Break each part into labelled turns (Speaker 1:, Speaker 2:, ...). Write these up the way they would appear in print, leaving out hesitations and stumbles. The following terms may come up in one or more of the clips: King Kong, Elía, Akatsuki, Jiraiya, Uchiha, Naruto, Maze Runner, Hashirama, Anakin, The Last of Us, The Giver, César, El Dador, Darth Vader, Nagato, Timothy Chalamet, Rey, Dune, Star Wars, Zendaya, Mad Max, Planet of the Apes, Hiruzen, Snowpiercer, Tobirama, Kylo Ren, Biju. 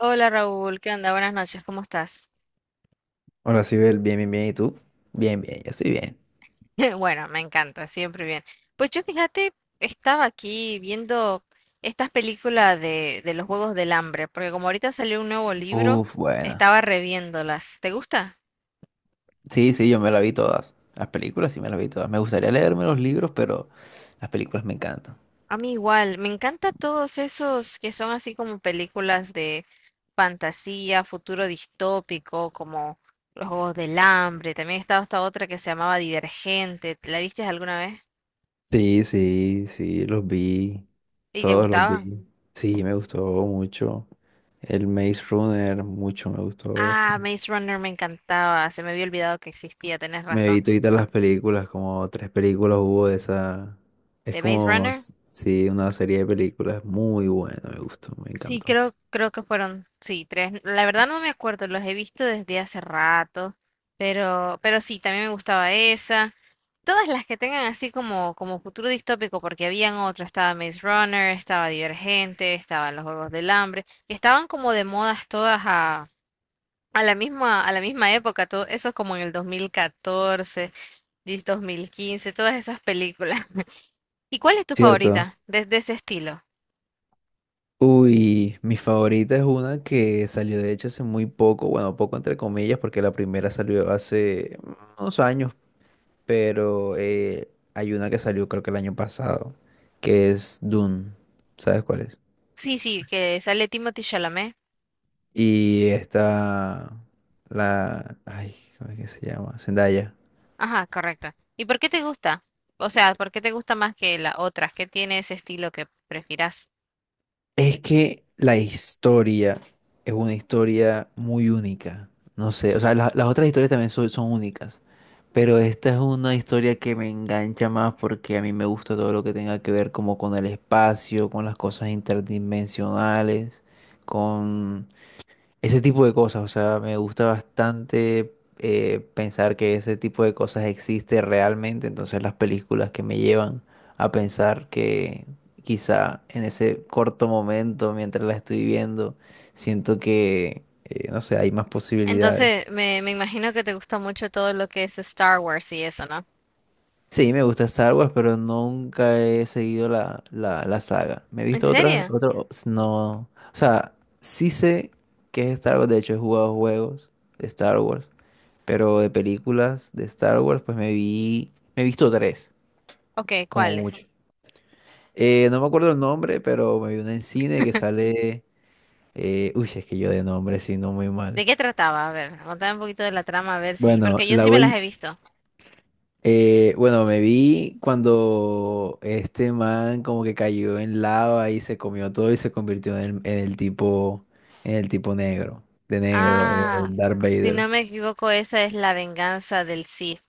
Speaker 1: Hola Raúl, ¿qué onda? Buenas noches, ¿cómo estás?
Speaker 2: Hola, Sibel, bien. ¿Y tú? Yo estoy bien.
Speaker 1: Bueno, me encanta, siempre bien. Pues yo fíjate, estaba aquí viendo estas películas de los Juegos del Hambre, porque como ahorita salió un nuevo libro,
Speaker 2: Uf, buena.
Speaker 1: estaba reviéndolas. ¿Te gusta?
Speaker 2: Sí, sí, yo me la vi todas. Las películas sí me las vi todas. Me gustaría leerme los libros, pero las películas me encantan.
Speaker 1: A mí igual, me encanta todos esos que son así como películas de fantasía, futuro distópico, como los Juegos del Hambre. También estaba esta otra que se llamaba Divergente. ¿La viste alguna vez?
Speaker 2: Sí, sí, sí, los vi.
Speaker 1: ¿Y te
Speaker 2: Todos los
Speaker 1: gustaban?
Speaker 2: vi. Sí, me gustó mucho. El Maze Runner, mucho me gustó
Speaker 1: Ah,
Speaker 2: bastante.
Speaker 1: Maze Runner me encantaba. Se me había olvidado que existía, tenés
Speaker 2: Me
Speaker 1: razón.
Speaker 2: vi todas las películas, como tres películas hubo de esa. Es
Speaker 1: ¿De Maze
Speaker 2: como,
Speaker 1: Runner?
Speaker 2: sí, una serie de películas muy buena, me gustó, me
Speaker 1: Sí,
Speaker 2: encantó.
Speaker 1: creo que fueron, sí, tres. La verdad no me acuerdo, los he visto desde hace rato, pero sí, también me gustaba esa. Todas las que tengan así como futuro distópico, porque habían otras. Estaba Maze Runner, estaba Divergente, estaban los Juegos del Hambre, que estaban como de modas todas a la misma época, todo eso es como en el 2014 2015. Todas esas películas. ¿Y cuál es tu
Speaker 2: ¿Cierto?
Speaker 1: favorita de ese estilo?
Speaker 2: Uy, mi favorita es una que salió de hecho hace muy poco, bueno, poco entre comillas, porque la primera salió hace unos años, pero hay una que salió creo que el año pasado, que es Dune, ¿sabes cuál es?
Speaker 1: Sí, sí, que sale Timothy Chalamet.
Speaker 2: Y esta, la, ay, ¿cómo es que se llama? Zendaya.
Speaker 1: Ajá, correcto. ¿Y por qué te gusta? O sea, ¿por qué te gusta más que las otras? ¿Qué tiene ese estilo que prefieras?
Speaker 2: Es que la historia es una historia muy única, no sé, o sea, las otras historias también son únicas. Pero esta es una historia que me engancha más porque a mí me gusta todo lo que tenga que ver como con el espacio, con las cosas interdimensionales, con ese tipo de cosas. O sea, me gusta bastante pensar que ese tipo de cosas existe realmente. Entonces las películas que me llevan a pensar que quizá en ese corto momento, mientras la estoy viendo, siento que, no sé, hay más posibilidades.
Speaker 1: Entonces, me imagino que te gusta mucho todo lo que es Star Wars y eso, ¿no?
Speaker 2: Sí, me gusta Star Wars, pero nunca he seguido la saga. Me he
Speaker 1: ¿En
Speaker 2: visto otras,
Speaker 1: serio?
Speaker 2: otros, no. O sea, sí sé que es Star Wars, de hecho he jugado juegos de Star Wars, pero de películas de Star Wars, pues me vi, me he visto tres,
Speaker 1: Ok,
Speaker 2: como
Speaker 1: ¿cuáles?
Speaker 2: mucho. No me acuerdo el nombre, pero me vi una en cine que sale, uy, es que yo de nombre sí, no muy
Speaker 1: ¿De
Speaker 2: mal.
Speaker 1: qué trataba? A ver, contame un poquito de la trama, a ver si,
Speaker 2: Bueno,
Speaker 1: porque yo
Speaker 2: la,
Speaker 1: sí me las he visto.
Speaker 2: Bueno, me vi cuando este man como que cayó en lava y se comió todo y se convirtió en el tipo negro, de negro,
Speaker 1: Ah,
Speaker 2: el Darth
Speaker 1: si
Speaker 2: Vader.
Speaker 1: no me equivoco, esa es la venganza del Sith,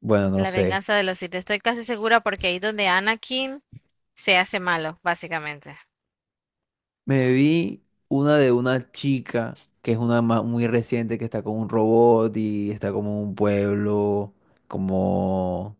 Speaker 2: Bueno, no
Speaker 1: la
Speaker 2: sé.
Speaker 1: venganza de los Sith. Estoy casi segura porque ahí donde Anakin se hace malo, básicamente.
Speaker 2: Me vi una de una chica que es una muy reciente que está con un robot y está como en un pueblo, como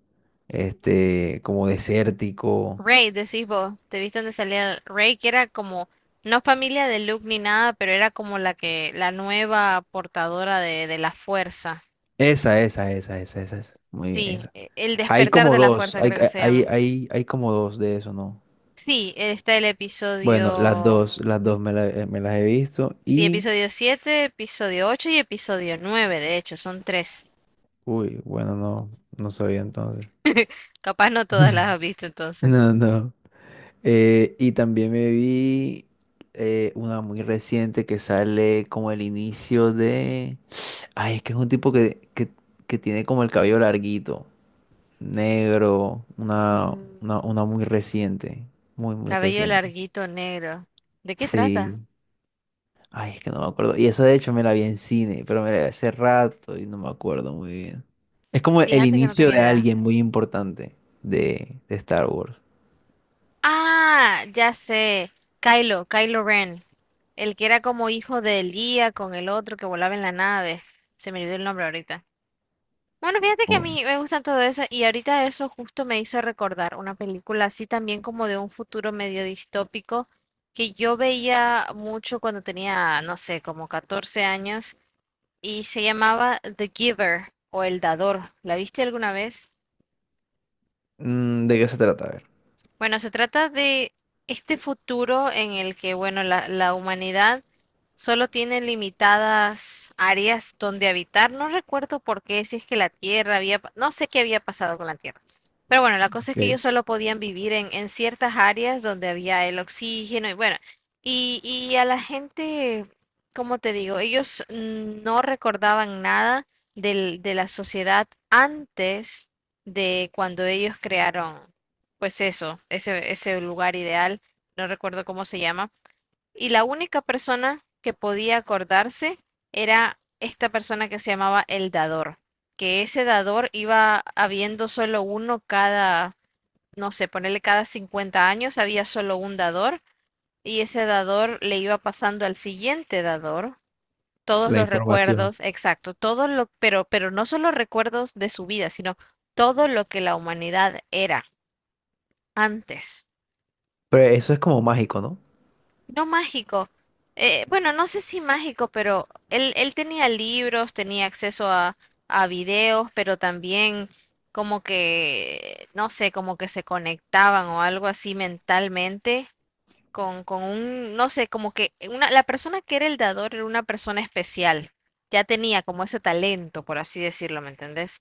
Speaker 2: este, como desértico.
Speaker 1: Rey, decís vos, ¿te viste dónde salía Rey? Que era como, no familia de Luke ni nada, pero era como la nueva portadora de la fuerza.
Speaker 2: Esa. Muy bien,
Speaker 1: Sí,
Speaker 2: esa.
Speaker 1: el
Speaker 2: Hay
Speaker 1: despertar
Speaker 2: como
Speaker 1: de la
Speaker 2: dos,
Speaker 1: fuerza creo que se llama.
Speaker 2: hay como dos de eso, ¿no?
Speaker 1: Sí, está el
Speaker 2: Bueno,
Speaker 1: episodio,
Speaker 2: las dos me, me las he visto
Speaker 1: sí,
Speaker 2: y...
Speaker 1: episodio 7 episodio 8 y episodio 9 de hecho, son tres.
Speaker 2: Uy, bueno, no, no sabía entonces.
Speaker 1: Capaz no todas las has visto entonces.
Speaker 2: No, no. Y también me vi una muy reciente que sale como el inicio de... Ay, es que es un tipo que tiene como el cabello larguito, negro,
Speaker 1: Mm,
Speaker 2: una muy reciente, muy
Speaker 1: cabello
Speaker 2: reciente.
Speaker 1: larguito negro. ¿De qué
Speaker 2: Sí.
Speaker 1: trata?
Speaker 2: Ay, es que no me acuerdo. Y esa de hecho me la vi en cine, pero me la vi hace rato y no me acuerdo muy bien. Es como el
Speaker 1: Fíjate que no
Speaker 2: inicio
Speaker 1: tengo
Speaker 2: de
Speaker 1: idea.
Speaker 2: alguien muy importante de Star Wars.
Speaker 1: Ah, ya sé. Kylo, Kylo Ren. El que era como hijo de Elía con el otro que volaba en la nave. Se me olvidó el nombre ahorita. Bueno, fíjate que a
Speaker 2: Oh.
Speaker 1: mí me gustan todo eso y ahorita eso justo me hizo recordar una película así también como de un futuro medio distópico que yo veía mucho cuando tenía, no sé, como 14 años y se llamaba The Giver o El Dador. ¿La viste alguna vez?
Speaker 2: Mm, ¿de qué se trata? A ver.
Speaker 1: Bueno, se trata de este futuro en el que, bueno, la humanidad solo tiene limitadas áreas donde habitar. No recuerdo por qué, si es que la Tierra había, no sé qué había pasado con la Tierra. Pero bueno, la cosa es que
Speaker 2: Ok.
Speaker 1: ellos solo podían vivir en ciertas áreas donde había el oxígeno y bueno, y a la gente, como te digo, ellos no recordaban nada de la sociedad antes de cuando ellos crearon pues eso, ese lugar ideal, no recuerdo cómo se llama. Y la única persona que podía acordarse era esta persona que se llamaba el dador, que ese dador iba habiendo solo uno cada, no sé, ponerle cada 50 años, había solo un dador y ese dador le iba pasando al siguiente dador todos
Speaker 2: La
Speaker 1: los
Speaker 2: información.
Speaker 1: recuerdos, exacto, todo lo, pero no solo recuerdos de su vida, sino todo lo que la humanidad era antes.
Speaker 2: Pero eso es como mágico, ¿no?
Speaker 1: No mágico. Bueno, no sé si mágico, pero él tenía libros, tenía acceso a videos, pero también como que, no sé, como que se conectaban o algo así mentalmente con un, no sé, como que una, la persona que era el dador era una persona especial. Ya tenía como ese talento, por así decirlo, ¿me entendés?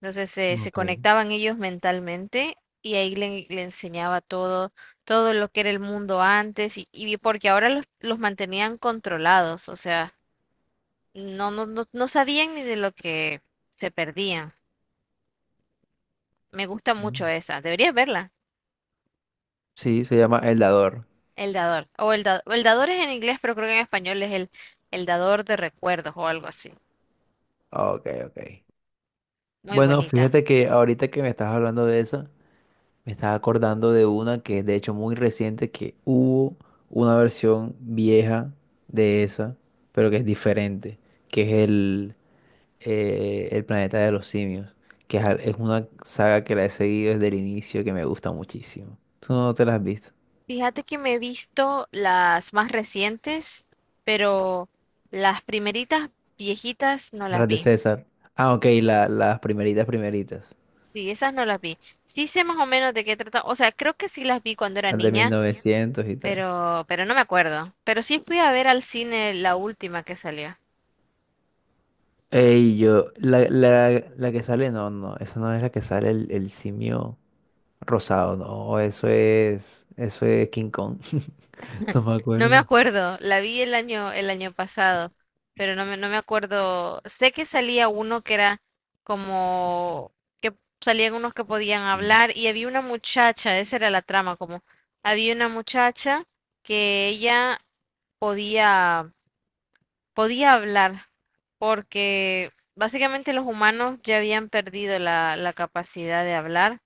Speaker 1: Entonces se
Speaker 2: Ok.
Speaker 1: conectaban ellos mentalmente y ahí le enseñaba todo, todo lo que era el mundo antes y porque ahora los mantenían controlados, o sea, no, no, no, no sabían ni de lo que se perdían. Me gusta mucho
Speaker 2: Mm.
Speaker 1: esa, deberías verla,
Speaker 2: Sí, se llama El Dador.
Speaker 1: El Dador. O el Dador es en inglés, pero creo que en español es el Dador de Recuerdos o algo así.
Speaker 2: Ok, ok.
Speaker 1: Muy
Speaker 2: Bueno,
Speaker 1: bonita.
Speaker 2: fíjate que ahorita que me estás hablando de esa. Me estaba acordando de una que es de hecho muy reciente, que hubo una versión vieja de esa, pero que es diferente, que es el planeta de los simios, que es, es una saga que la he seguido desde el inicio que me gusta muchísimo. ¿Tú no te las has visto?
Speaker 1: Fíjate que me he visto las más recientes, pero las primeritas viejitas no
Speaker 2: ¿No?
Speaker 1: las
Speaker 2: Las de
Speaker 1: vi.
Speaker 2: César. Ah, ok, las primeritas, primeritas,
Speaker 1: Sí, esas no las vi. Sí sé más o menos de qué trata. O sea, creo que sí las vi cuando era
Speaker 2: las de ¿Cuál es
Speaker 1: niña,
Speaker 2: 1900 y tal.
Speaker 1: pero no me acuerdo. Pero sí fui a ver al cine la última que salió.
Speaker 2: Ey, yo, la que sale, no, no, esa no es la que sale el simio. Rosado, no, eso es King Kong. No me
Speaker 1: No me
Speaker 2: acuerdo.
Speaker 1: acuerdo, la vi el año pasado, pero no me acuerdo. Sé que salía uno que era como que salían unos que podían
Speaker 2: Mm.
Speaker 1: hablar y había una muchacha, esa era la trama, como había una muchacha que ella podía, podía hablar porque básicamente los humanos ya habían perdido la capacidad de hablar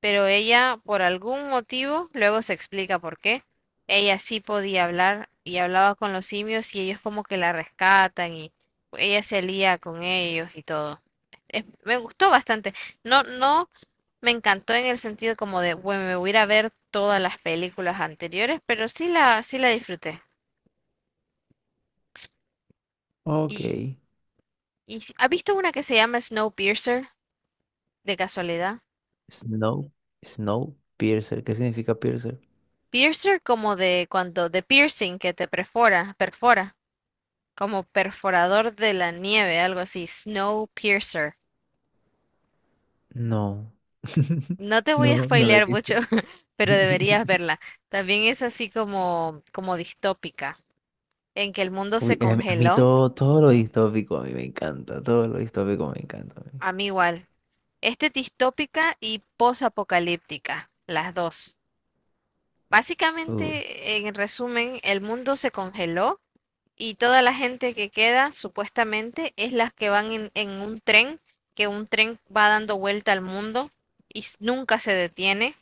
Speaker 1: pero ella, por algún motivo, luego se explica por qué, ella sí podía hablar y hablaba con los simios y ellos como que la rescatan y ella se lía con ellos y todo. Me gustó bastante. No, no me encantó en el sentido como de, bueno, me voy a ir a ver todas las películas anteriores, pero sí la disfruté.
Speaker 2: Ok.
Speaker 1: Y, ¿Ha visto una que se llama Snowpiercer, de casualidad?
Speaker 2: Snow, Snow, Piercer. ¿Qué significa Piercer?
Speaker 1: Piercer, como de piercing que te perfora, perfora, como perforador de la nieve, algo así, Snowpiercer.
Speaker 2: No.
Speaker 1: No te voy a
Speaker 2: No, no le
Speaker 1: spoilear mucho,
Speaker 2: dice.
Speaker 1: pero deberías verla. También es así como distópica, en que el mundo
Speaker 2: Uy,
Speaker 1: se
Speaker 2: a mí
Speaker 1: congeló.
Speaker 2: todo, todo lo distópico a mí me encanta, todo lo distópico me encanta a mí.
Speaker 1: A mí igual. Este es distópica y posapocalíptica, las dos.
Speaker 2: Uy,
Speaker 1: Básicamente, en resumen, el mundo se congeló y toda la gente que queda, supuestamente, es las que van en un tren, que un tren va dando vuelta al mundo y nunca se detiene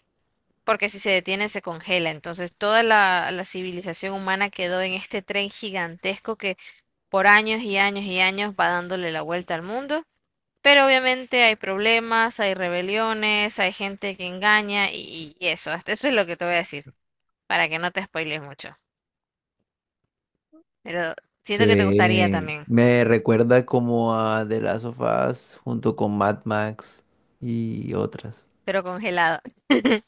Speaker 1: porque si se detiene se congela. Entonces toda la civilización humana quedó en este tren gigantesco que por años y años y años va dándole la vuelta al mundo. Pero obviamente hay problemas, hay rebeliones, hay gente que engaña y eso. Hasta eso es lo que te voy a decir, para que no te spoiles mucho. Pero
Speaker 2: se
Speaker 1: siento que te gustaría
Speaker 2: ve,
Speaker 1: también,
Speaker 2: me recuerda como a The Last of Us junto con Mad Max y otras,
Speaker 1: pero congelado.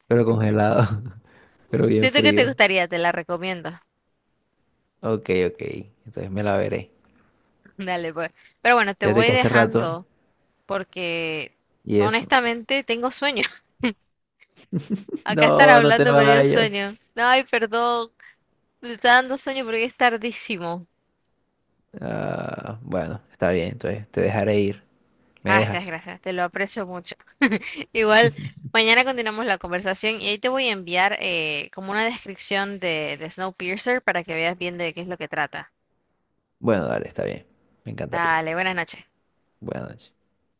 Speaker 2: pero congelado, pero bien
Speaker 1: Siento que te
Speaker 2: frío.
Speaker 1: gustaría, te la recomiendo.
Speaker 2: Ok, ok. Entonces me la veré.
Speaker 1: Dale, pues. Pero bueno, te
Speaker 2: Fíjate
Speaker 1: voy
Speaker 2: que hace rato.
Speaker 1: dejando porque
Speaker 2: Y eso.
Speaker 1: honestamente tengo sueño. Acá estar
Speaker 2: No, no te
Speaker 1: hablando me dio
Speaker 2: vayas.
Speaker 1: sueño. Ay, perdón. Me está dando sueño porque es tardísimo.
Speaker 2: Ah, bueno, está bien. Entonces te dejaré ir. ¿Me
Speaker 1: Gracias,
Speaker 2: dejas?
Speaker 1: gracias. Te lo aprecio mucho. Igual, mañana continuamos la conversación y ahí te voy a enviar como una descripción de Snowpiercer para que veas bien de qué es lo que trata.
Speaker 2: Bueno, dale, está bien. Me encantaría.
Speaker 1: Dale, buenas noches.
Speaker 2: Buenas noches.